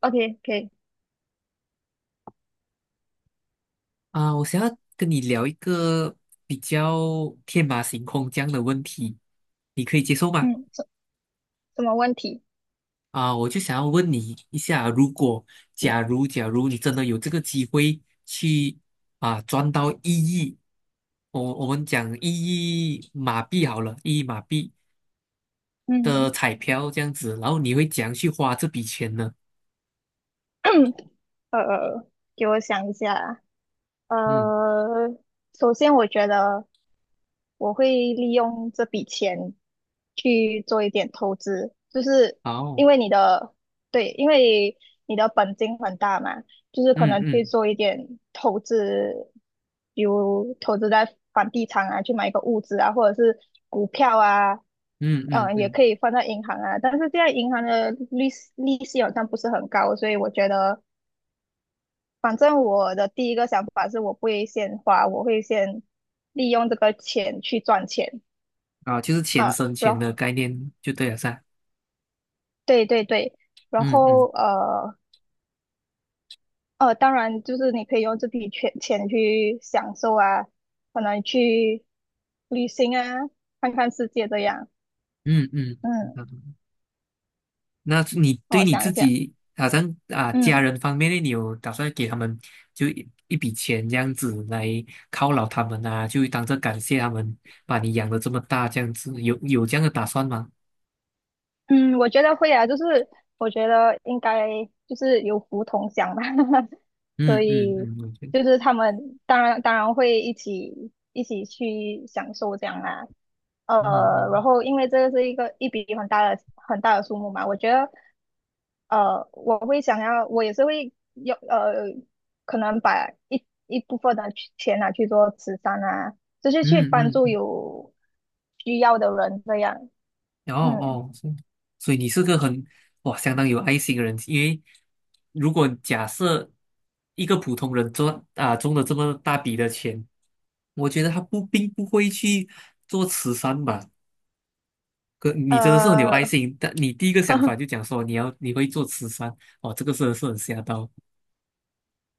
OK，可以，啊，我想要跟你聊一个比较天马行空这样的问题，你可以接受吗？嗯，什么问题？啊，我就想要问你一下，如果假如你真的有这个机会去啊赚到一亿，我们讲一亿马币好了，一亿马币的嗯，彩票这样子，然后你会怎样去花这笔钱呢？呃，给我想一下。呃，嗯，首先我觉得我会利用这笔钱去做一点投资，就是好，因为你的，对，因为你的本金很大嘛，就是可嗯能去嗯做一点投资，比如投资在房地产啊，去买一个物资啊，或者是股票啊，嗯嗯嗯，也嗯，可以放在银行啊，但是现在银行的利息好像不是很高，所以我觉得，反正我的第一个想法是我不会先花，我会先利用这个钱去赚钱。啊，就是钱啊，生然钱的后概念就对了噻，对对对，然嗯后嗯当然就是你可以用这笔钱去享受啊，可能去旅行啊，看看世界这样。嗯嗯。嗯，那你对我你想自一想，己，好像啊家嗯人方面呢，你有打算给他们就一笔钱这样子来犒劳他们啊，就当着感谢他们把你养的这么大这样子，有这样的打算吗？嗯，我觉得会啊，就是我觉得应该就是有福同享吧，所嗯嗯以嗯，我觉得，就是他们当然会一起去享受这样啦。嗯然嗯后因为这个是一个一笔很大的数目嘛，我觉得我会想要，我也是会有可能把一部分的去钱拿去做慈善啊，就是去嗯帮助嗯，有需要的人这样。嗯哦嗯，哦，是。所以你是个很哇相当有爱心的人，因为如果假设一个普通人中了这么大笔的钱，我觉得他不并不会去做慈善吧，哥，你真的是很有爱呃，心。但你第一个想法 就讲说你会做慈善，哦，这个真的是很吓到。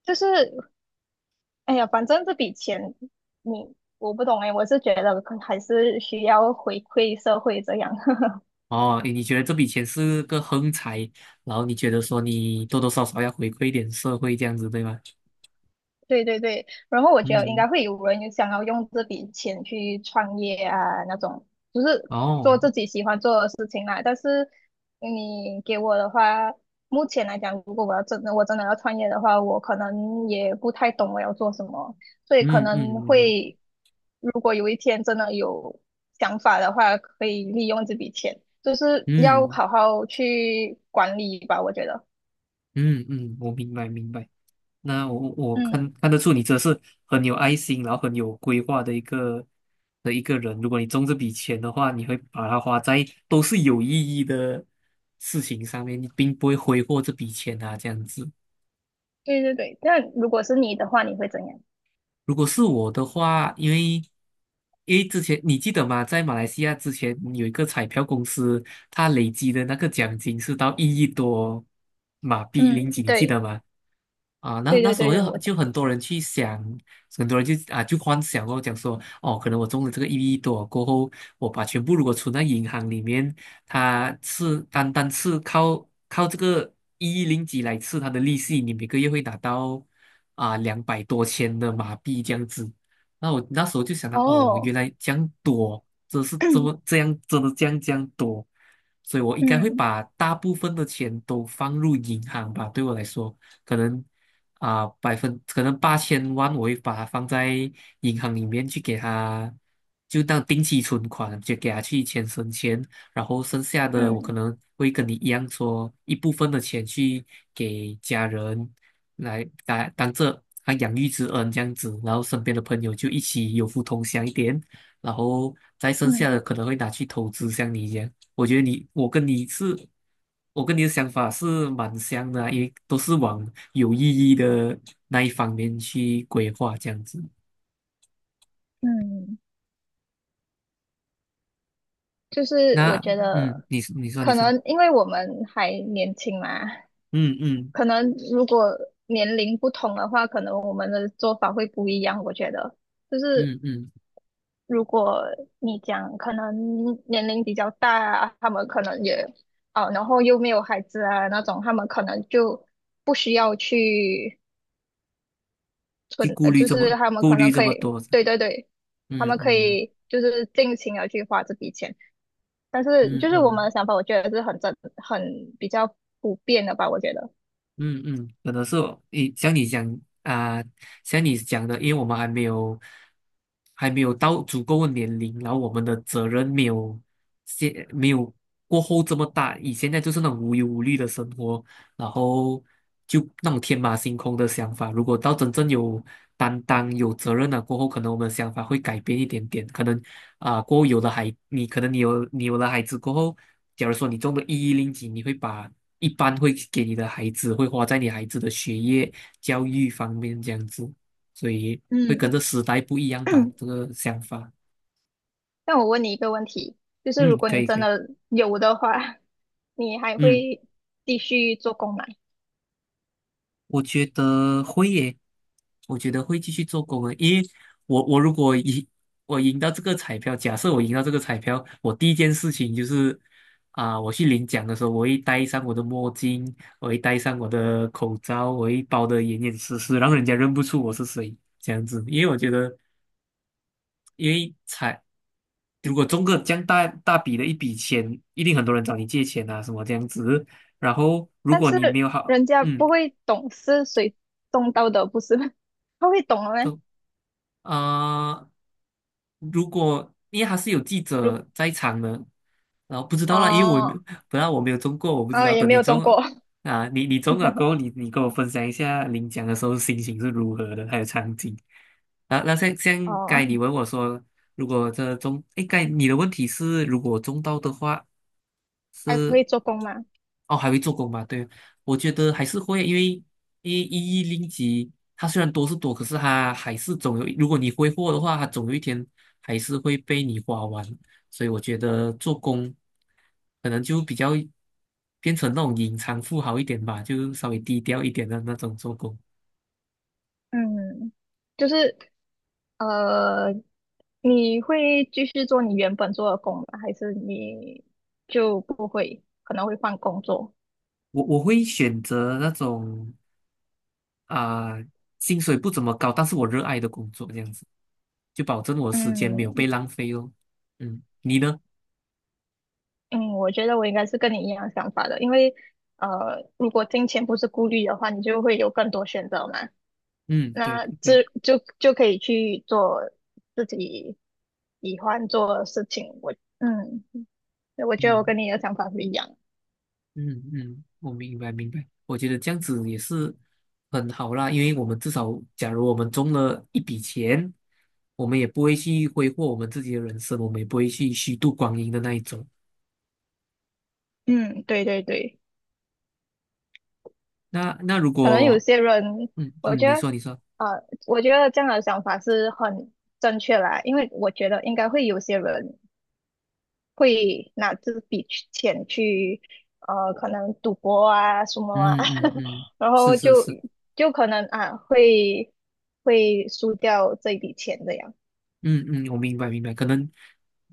就是哎呀，反正这笔钱你我不懂哎，我是觉得可还是需要回馈社会这样。哦，你觉得这笔钱是个横财，然后你觉得说你多多少少要回馈一点社会这样子，对吗？对对对，然后我觉得应嗯，该会有人有想要用这笔钱去创业啊，那种就是做哦，自己喜欢做的事情啦。但是你给我的话，目前来讲，如果我真的要创业的话，我可能也不太懂我要做什么，所以可嗯能嗯嗯会，如果有一天真的有想法的话，可以利用这笔钱，就是要嗯好好去管理吧，我觉得。嗯嗯，我明白明白。那我看嗯，看得出你这是很有爱心，然后很有规划的一个人。如果你中这笔钱的话，你会把它花在都是有意义的事情上面，你并不会挥霍这笔钱啊，这样子。对对对。那如果是你的话，你会怎样？如果是我的话，因为之前你记得吗？在马来西亚之前有一个彩票公司，它累积的那个奖金是到一亿多马币零嗯，几，你记得对，吗？啊，那对那对时对候对，就我就很多人去想，很多人就啊就幻想哦，讲说哦，可能我中了这个一亿多过后，我把全部如果存在银行里面，它是单单是靠这个1亿零几来吃它的利息，你每个月会拿到啊两百多千的马币这样子。那我那时候就想到哦，原哦，来这样多，真是这么这样，真的这样多，所以我应该会嗯把大部分的钱都放入银行吧，对我来说。可能啊、可能8000万，我会把它放在银行里面去给他，就当定期存款，就给他去钱生钱，然后剩下的我可嗯能会跟你一样说，一部分的钱去给家人来当这啊养育之恩这样子，然后身边的朋友就一起有福同享一点，然后再剩下的嗯可能会拿去投资，像你一样。我觉得你，我跟你是，我跟你的想法是蛮像的也都是往有意义的那一方面去规划这样子。嗯，就是我那，觉嗯，得你说你可说，能因为我们还年轻嘛，嗯嗯可能如果年龄不同的话，可能我们的做法会不一样。我觉得就是嗯嗯，如果你讲可能年龄比较大啊，他们可能也哦，然后又没有孩子啊那种，他们可能就不需要去。去存，顾虑就这是么他们顾可虑能这可么以，多，对对对，他嗯们可嗯以就是尽情的去花这笔钱，但是嗯就是我们嗯。的想法，我觉得是很正，很比较普遍的吧，我觉得，嗯嗯，可能是哦你像你讲啊、像你讲的，因为我们还没有到足够的年龄，然后我们的责任没有过后这么大。以现在就是那种无忧无虑的生活，然后就那种天马行空的想法。如果到真正有担当、有责任了过后，可能我们的想法会改变一点点。可能啊、过后有了孩，你可能你有了孩子过后，假如说你中了一零几，你会把一般会给你的孩子，会花在你孩子的学业、教育方面这样子，所以会跟嗯，着时代不一样吧，这个想法。那我问你一个问题，就是如嗯，果可你以可真以，的有的话，你还嗯，会继续做工吗？我觉得会耶，我觉得会继续做工的，因为我如果赢，我赢到这个彩票，假设我赢到这个彩票，我第一件事情就是啊、我去领奖的时候，我会戴上我的墨镜，我会戴上我的口罩，我会包得严严实实，让人家认不出我是谁，这样子，因为我觉得因为才如果中个这样大笔的一笔钱，一定很多人找你借钱啊，什么这样子。然后如但果你没是有好，人家嗯，不会懂是谁种到的，不是吗 他会懂的吗？中啊、如果因为他是有记如者在场的，然后不知道啦，因为我也没有哦，本来我没有中过，我不然知后道。也等没你有种中过，啊，你中了过后，你跟我分享一下领奖的时候心情是如何的，还有场景。啊，那像该哦，你问我说，如果这中，哎，该你的问题是，如果中到的话还是会做工吗？哦，还会做工吗？对，我觉得还是会，因为一零级。它虽然多是多，可是它还是总有，如果你挥霍的话，它总有一天还是会被你花完。所以我觉得做工可能就比较变成那种隐藏富豪一点吧，就稍微低调一点的那种做工。嗯，就是呃，你会继续做你原本做的工吗？还是你就不会，可能会换工作？我会选择那种啊、薪水不怎么高，但是我热爱的工作，这样子就保证我时间没有嗯被浪费哦。嗯，你呢？嗯，我觉得我应该是跟你一样想法的，因为如果金钱不是顾虑的话，你就会有更多选择嘛。嗯，对那对对，这就就可以去做自己喜欢做的事情。我嗯，我觉得我嗯。跟你的想法不一样。嗯嗯，我明白明白，我觉得这样子也是很好啦，因为我们至少，假如我们中了一笔钱，我们也不会去挥霍我们自己的人生，我们也不会去虚度光阴的那一种。嗯，对对对。那那如可能有果，些人，嗯我嗯，觉你得，说你说，呃，我觉得这样的想法是很正确啦，因为我觉得应该会有些人会拿这笔去钱去，可能赌博啊什么啊，嗯嗯 嗯，然是后是就是。就可能啊会会输掉这笔钱这样，嗯嗯，我明白明白，可能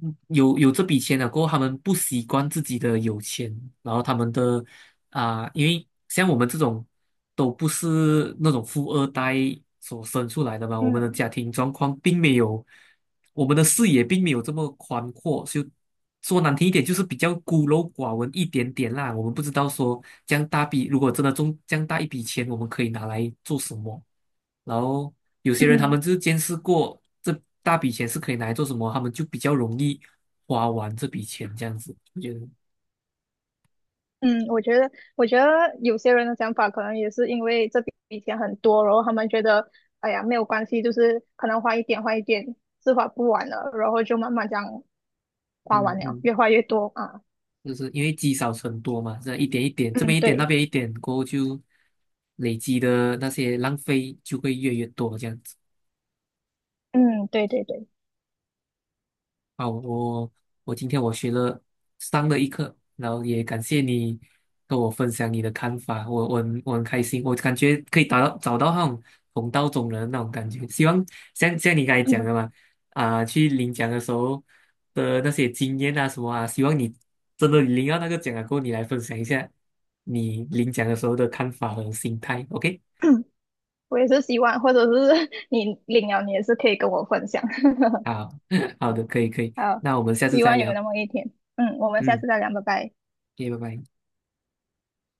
嗯有这笔钱了过后，他们不习惯自己的有钱，然后他们的啊、因为像我们这种都不是那种富二代所生出来的嘛，我们的嗯。家庭状况并没有，我们的视野并没有这么宽阔，就说难听一点，就是比较孤陋寡闻一点点啦。我们不知道说这样大笔，如果真的中这样大一笔钱，我们可以拿来做什么。然后有些人他嗯。们就是见识过这大笔钱是可以拿来做什么，他们就比较容易花完这笔钱这样子。我觉得，嗯，我觉得，我觉得有些人的想法可能也是因为这笔钱很多，然后他们觉得，哎呀，没有关系，就是可能花一点，是花不完了，然后就慢慢这样花嗯完了，嗯，越花越多啊。就是因为积少成多嘛，这样一点一点，这嗯，边一点，那对，边一点，过后就累积的那些浪费就会越来越多这样子。嗯，对对对，好，我今天上了一课，然后也感谢你跟我分享你的看法，我很开心，我感觉可以达到找到那种同道中人的那种感觉。希望像你刚才讲的嘛，啊、去领奖的时候的那些经验啊什么啊，希望你真的领到那个奖了过后，你来分享一下你领奖的时候的看法和心态。OK，我也是希望，或者是 你领了，你也是可以跟我分享。好 好的，可以可以，好，那我们下次希再望有聊，那么一天。嗯，我们下嗯次再聊，拜拜。，OK，拜拜。